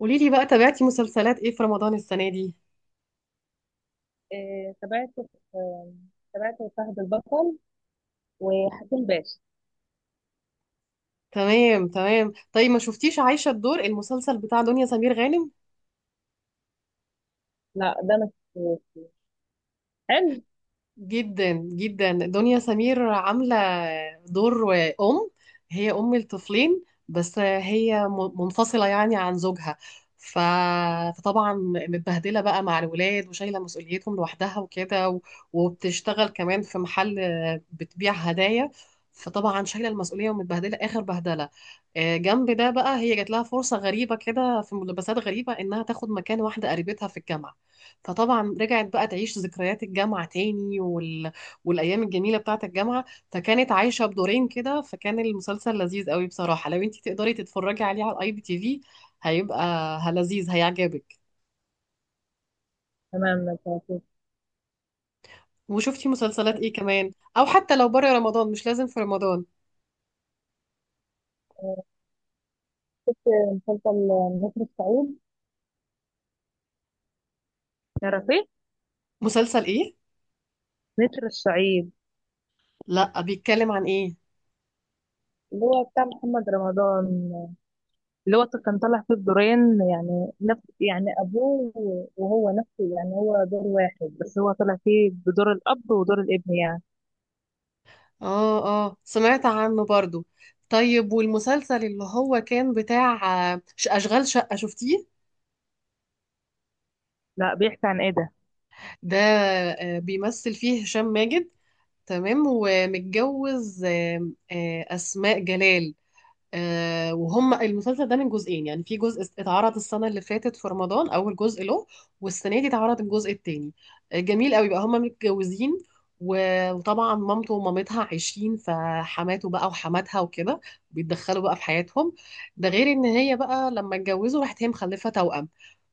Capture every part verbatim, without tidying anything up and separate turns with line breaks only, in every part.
قولي لي بقى تابعتي مسلسلات ايه في رمضان السنة دي؟
آه، تابعت. آه، تابعت فهد البطل وحكيم باشا.
تمام تمام، طيب ما شفتيش عايشة الدور المسلسل بتاع دنيا سمير غانم؟
لا، ده ما شفتوش. حلو.
جدا جدا دنيا سمير عاملة دور أم، هي أم الطفلين بس هي م- منفصلة يعني عن زوجها. ف... فطبعا متبهدلة بقى مع الولاد وشايلة مسؤوليتهم لوحدها وكده و... وبتشتغل كمان في محل بتبيع هدايا، فطبعا شايلة المسؤولية ومتبهدلة آخر بهدلة. آه، جنب ده بقى هي جات لها فرصة غريبة كده في ملابسات غريبة إنها تاخد مكان واحدة قريبتها في الجامعة، فطبعا رجعت بقى تعيش ذكريات الجامعة تاني وال... والأيام الجميلة بتاعة الجامعة، فكانت عايشة بدورين كده، فكان المسلسل لذيذ قوي بصراحة. لو انتي تقدري تتفرجي عليه على الاي بي تي في هيبقى ه- لذيذ، هيعجبك.
تمام، ما شفتوش.
وشفتي مسلسلات ايه كمان؟ او حتى لو بره رمضان مش لازم في رمضان.
آه، شفت مسلسل نسر الصعيد، تعرفيه؟
مسلسل ايه؟
نسر الصعيد،
لا بيتكلم عن ايه؟
اللي هو بتاع محمد رمضان، اللي هو كان طالع فيه بدورين، يعني نفس يعني ابوه، وهو نفسه، يعني هو دور واحد بس، هو طالع فيه بدور الاب ودور الابن يعني.
اه اه سمعت عنه برضو. طيب والمسلسل اللي هو كان بتاع آه، ش- أشغال شقة شفتيه؟
لا بيحكي عن ايه ده؟
ده آه، بيمثل فيه هشام ماجد، تمام، ومتجوز آم، آه، أسماء جلال. آه، وهم المسلسل ده من جزئين، يعني في جزء اتعرض السنة اللي فاتت في رمضان أول جزء له، والسنة دي اتعرض الجزء التاني. آه، جميل قوي بقى. هم متجوزين و- وطبعا مامته ومامتها عايشين، فحماته بقى وحماتها وكده بيتدخلوا بقى في حياتهم. ده غير ان هي بقى لما اتجوزوا راحت هي مخلفة توأم،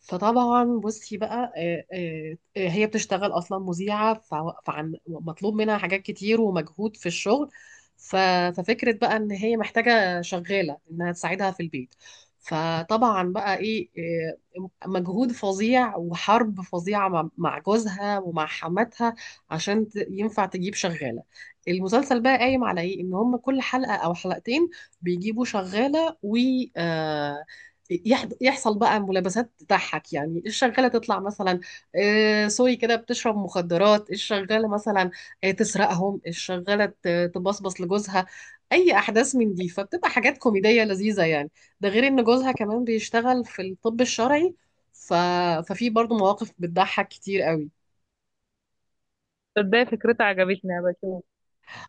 فطبعا بصي بقى آه، آه، آه، هي بتشتغل اصلا مذيعة ف- فعن مطلوب منها حاجات كتير ومجهود في الشغل، ف- ففكرة بقى ان هي محتاجة شغالة انها تساعدها في البيت. فطبعا بقى ايه إيه، مجهود فظيع وحرب فظيعة مع مع جوزها ومع حماتها عشان ت- ينفع تجيب شغالة. المسلسل بقى قايم على ايه؟ ان هم كل حلقة او حلقتين بيجيبوا شغالة و آه، يح- يحصل بقى ملابسات تضحك، يعني الشغالة تطلع مثلا آه، سوري كده، بتشرب مخدرات الشغالة مثلا، آه، تسرقهم الشغالة، ت- تبصبص لجوزها، اي احداث من دي، فبتبقى حاجات كوميديه لذيذه يعني. ده غير ان جوزها كمان بيشتغل في الطب الشرعي، ف... ففي برضو مواقف بتضحك كتير قوي.
تصدقي فكرته عجبتني، بشوف.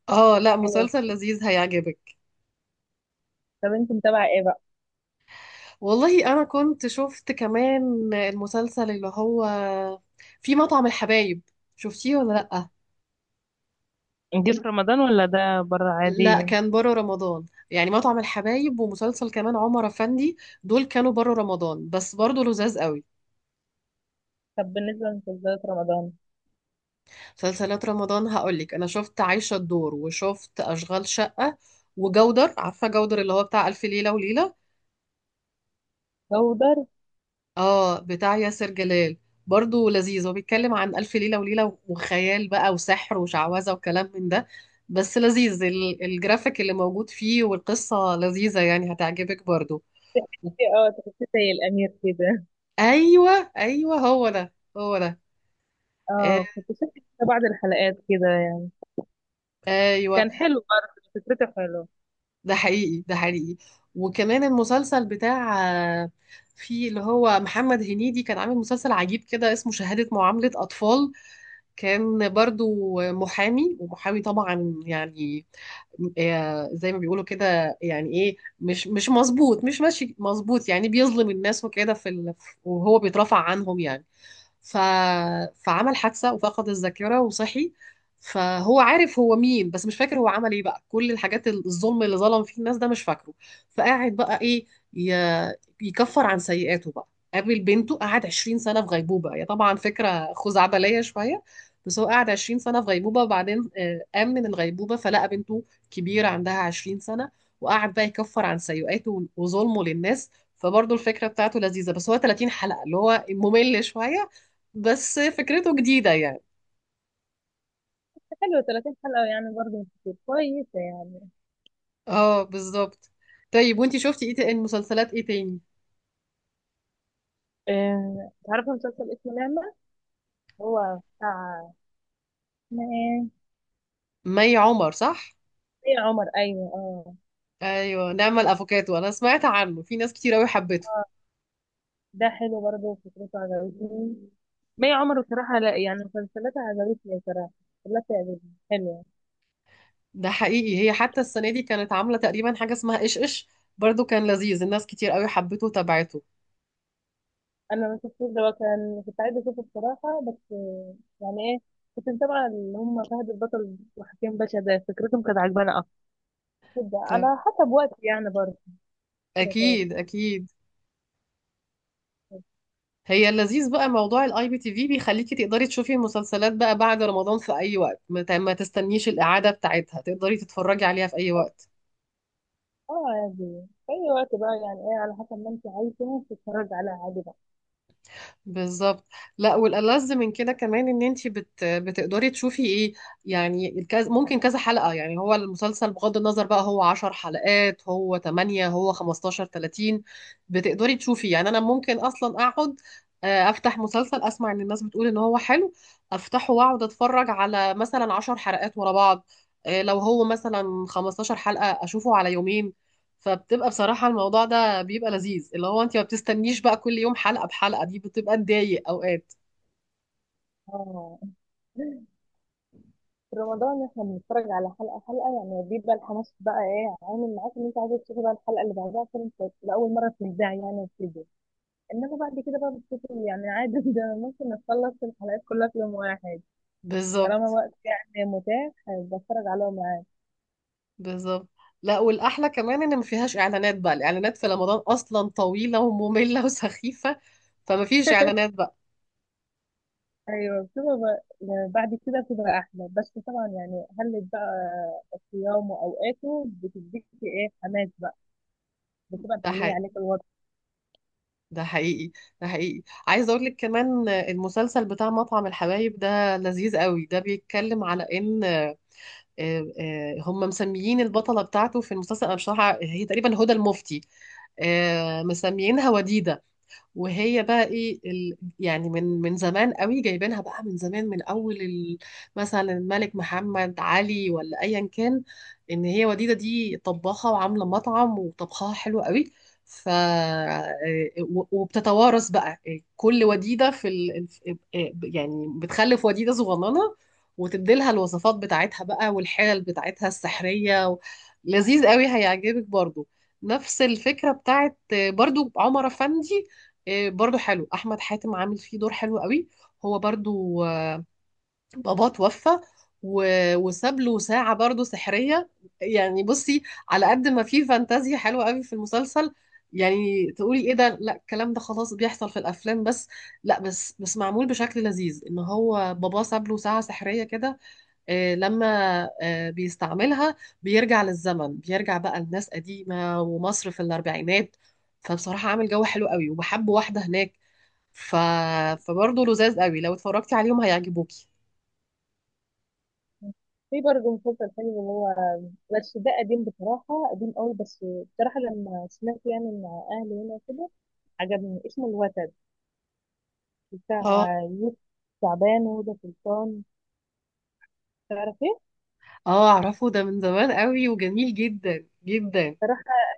اه، لا
حلو.
مسلسل لذيذ هيعجبك.
طب انت متابعه ايه بقى؟
والله انا كنت شفت كمان المسلسل اللي هو في مطعم الحبايب، شفتيه ولا لا؟
دي في رمضان ولا ده بره
لا
عادي؟
كان بره رمضان. يعني مطعم الحبايب ومسلسل كمان عمر افندي، دول كانوا بره رمضان بس برضو لذاذ قوي.
طب بالنسبة لمسلسلات رمضان،
مسلسلات رمضان هقولك انا شفت عايشة الدور، وشفت اشغال شقة، وجودر. عارفة جودر اللي هو بتاع الف ليلة وليلة؟
جودر.
اه بتاع ياسر جلال، برضو لذيذ. هو بيتكلم عن الف ليلة وليلة وخيال بقى وسحر وشعوذة وكلام من ده، بس لذيذ ال- الجرافيك اللي موجود فيه والقصة لذيذة يعني، هتعجبك برضو.
في- اه، تحسيه زي الأمير كده.
ايوه ايوه هو ده، هو ده. آه،
اه، كنت شفت كده بعض الحلقات كده.
ايوه.
كان حلو برضه، فكرته حلوة.
ده حقيقي ده حقيقي. وكمان المسلسل بتاع آه، في اللي هو محمد هنيدي كان عامل مسلسل عجيب كده اسمه شهادة معاملة أطفال، كان برضو محامي، ومحامي طبعا يعني آه، زي ما بيقولوا كده، يعني ايه مش مش مظبوط، مش ماشي مظبوط، يعني بيظلم الناس وكده في ال... وهو بيترفع عنهم يعني. ف... فعمل حادثة وفقد الذاكرة وصحي، فهو عارف هو مين بس مش فاكر هو عمل ايه بقى، كل الحاجات الظلم اللي ظلم فيه الناس ده مش فاكره. فقاعد بقى ايه، ي... يكفر عن سيئاته بقى. قابل بنته، قعد 20 سنة في غيبوبة، هي طبعا فكرة خزعبلية شوية، بس هو قعد 20 سنة في غيبوبة وبعدين آه، قام من الغيبوبة فلقى بنته كبيرة عندها 20 سنة، وقعد بقى يكفر عن سيئاته وظلمه للناس. فبرضه الفكرة بتاعته لذيذة، بس هو 30 حلقة اللي هو ممل شوية، بس فكرته جديدة يعني.
حلوة، ثلاثين حلقة يعني برضه مش كتير، كويسة يعني.
اه بالظبط. طيب وانتي شفتي ايه تاني، مسلسلات ايه تاني؟
آه، تعرفي مسلسل اسمه نعمة؟ هو بتاع، اسمها ايه؟
مي عمر صح؟
مي عمر، أيوة اه.
ايوه نعمة الافوكاتو، انا سمعت عنه، في ناس كتير قوي حبته.
ده حلو برضه، فكرته عجبتني. مي عمر بصراحة، لا يعني مسلسلاتها عجبتني بصراحة، كلها بتعجبني. حلو.
ده حقيقي. هي حتى السنة دي كانت عاملة تقريبا حاجة اسمها ايش ايش، برضو كان لذيذ، الناس كتير قوي حبته وتابعته.
انا ما شفتوش ده، كان كنت عايزه اشوفه بصراحه بس آه، يعني ايه، كنت متابعه اللي هم فهد البطل وحكيم باشا، ده فكرتهم كانت عجباني اكتر. كده
ت-
على حسب وقتي يعني برضه، كده كده.
اكيد اكيد. هي اللذيذ بقى موضوع الاي بي تي في بيخليكي تقدري تشوفي المسلسلات بقى بعد رمضان في اي وقت، ما ت- ما تستنيش الاعادة بتاعتها، تقدري تتفرجي عليها في اي وقت.
اه عادي، في اي وقت بقى يعني ايه، على حسب ما انت عايزه تتفرج على عادي بقى.
بالظبط. لا، والألذ من كده كمان ان انت بت... بتقدري تشوفي ايه يعني الكز... ممكن كذا حلقة، يعني هو المسلسل بغض النظر بقى هو 10 حلقات، هو تمنية، هو خمستاشر، تلاتين، بتقدري تشوفي يعني. انا ممكن اصلا اقعد آه، افتح مسلسل، اسمع ان الناس بتقول ان هو حلو، افتحه واقعد اتفرج على مثلا 10 حلقات ورا بعض، آه، لو هو مثلا 15 حلقة اشوفه على يومين. فبتبقى بصراحة الموضوع ده بيبقى لذيذ، اللي هو انت ما بتستنيش بقى كل يوم حلقة بحلقة، دي بتبقى تضايق اوقات.
اه. في رمضان احنا بنتفرج على حلقه حلقه، يعني بيبقى الحماس بقى ايه عامل معاك ان انت عايزه تشوفي بقى الحلقه اللي بعدها، فيلم كويس لاول مره تتذاع يعني وكده. انما بعد كده بقى بتشوفي يعني عادي. ده ممكن نخلص الحلقات كلها في يوم واحد، طالما
بالظبط
وقت يعني متاح، بتفرج عليهم يعني.
بالظبط. لا، والاحلى كمان ان ما فيهاش اعلانات بقى، الاعلانات في رمضان اصلا طويلة ومملة وسخيفة، فما فيش اعلانات بقى.
ايوه بتبقى ب- يعني بعد كده بتبقى احلى، بس طبعا يعني خلت بقى صيامه واوقاته بتديك ايه حماس بقى، بتبقى
ده
محليه
حقيقي
عليك الوضع.
ده حقيقي ده حقيقي. عايزة اقول لك كمان المسلسل بتاع مطعم الحبايب ده لذيذ قوي. ده بيتكلم على ان آه، آه، هم مسميين البطلة بتاعته في المسلسل، أنا بصراحة هي تقريبا هدى المفتي، آه، مسميينها وديدة، وهي بقى ايه ال... يعني من من زمان قوي جايبينها بقى، من زمان، من اول ال... مثلا الملك محمد علي ولا ايا كان، ان هي وديده دي طباخه وعامله مطعم وطبخها حلو قوي. ف آه، و- وبتتوارث بقى آه، كل وديده في ال... يعني بتخلف وديده صغننه وتديلها الوصفات بتاعتها بقى والحيل بتاعتها السحريه و... لذيذ قوي، هيعجبك برضو. نفس الفكره بتاعت برضو عمر افندي، آه، برضو حلو، احمد حاتم عامل فيه دور حلو قوي. هو برضو آه، باباه توفى و- وساب له ساعة برضو سحرية. يعني بصي، على قد ما في فانتازيا حلوة قوي في المسلسل، يعني تقولي ايه ده، لا الكلام ده خلاص بيحصل في الافلام بس، لا بس بس معمول بشكل لذيذ، ان هو باباه ساب له ساعة سحرية كده، آه، لما آه، بيستعملها بيرجع للزمن، بيرجع بقى لناس قديمة ومصر في الاربعينات، فبصراحة عامل جو حلو قوي وبحب واحدة هناك، ف... فبرضه لذاذ قوي، لو اتفرجتي عليهم هيعجبوكي.
في برضه مسلسل حلو، اللي هو بس ده قديم بصراحه، قديم قوي بس بصراحه لما سمعت يعني مع اهلي هنا كده عجبني، اسمه الوتد،
اه
بتاع يوسف شعبان وهدى سلطان، تعرف ايه؟
اه اعرفه ده من زمان قوي وجميل جدا جدا.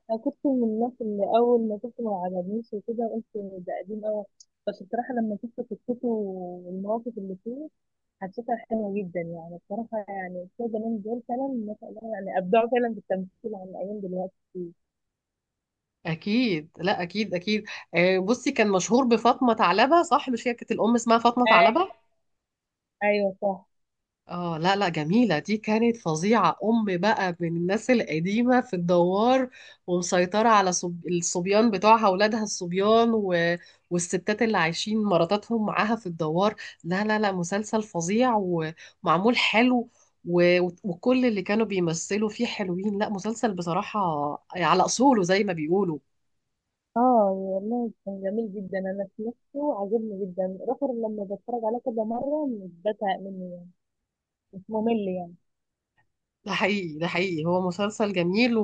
انا كنت من الناس اللي اول ما شفته ما عجبنيش وكده، قلت ده قديم قوي، بس بصراحه لما شفت قصته والمواقف اللي فيه، حسيتها حلوه جدا يعني. بصراحه يعني بتوع زمان دول فعلا ما شاء الله يعني ابدعوا فعلا في التمثيل عن ايام دلوقتي كتير.
اكيد لا اكيد اكيد. آه، بصي، كان مشهور بفاطمه ثعلبه صح، مش هي كانت الام اسمها فاطمه
أي-
ثعلبه؟
ايوه صح.
اه لا لا، جميلة دي كانت فظيعة، أم بقى من الناس القديمة في الدوار، ومسيطرة على صب... الصبيان بتوعها أولادها الصبيان و... والستات اللي عايشين مراتاتهم معاها في الدوار. لا لا لا مسلسل فظيع ومعمول حلو، و... وكل اللي كانوا بيمثلوا فيه حلوين، لا مسلسل بصراحة على أصوله زي ما بيقولوا.
اه والله كان جميل جدا، انا سمعته عجبني جدا رفر، لما بتفرج عليه كذا مره مش بزهق منه، مش ممل يعني.
ده حقيقي ده حقيقي، هو مسلسل جميل.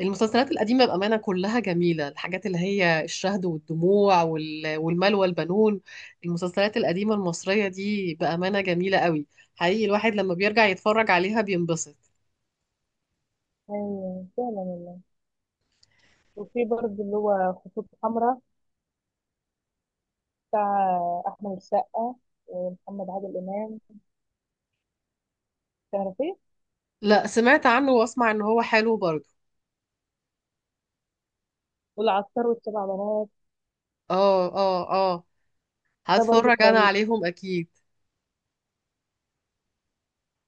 والمسلسلات القديمة بأمانة كلها جميلة، الحاجات اللي هي الشهد والدموع وال- والمال والبنون، المسلسلات القديمة المصرية دي بأمانة جميلة قوي، حقيقي الواحد لما بيرجع يتفرج عليها بينبسط.
ايوه فعلا والله. وفي برضه اللي هو خطوط حمراء، بتاع احمد السقا ومحمد عادل امام، تعرفيه؟
لا سمعت عنه، واسمع ان هو حلو برضه.
والعطار والسبع بنات.
اه اه اه،
ده برضو
هتفرج انا
كويس.
عليهم اكيد.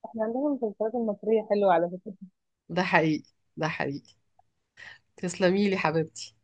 احنا عندنا المسلسلات المصريه حلوه على فكره.
ده حقيقي ده حقيقي. تسلميلي حبيبتي.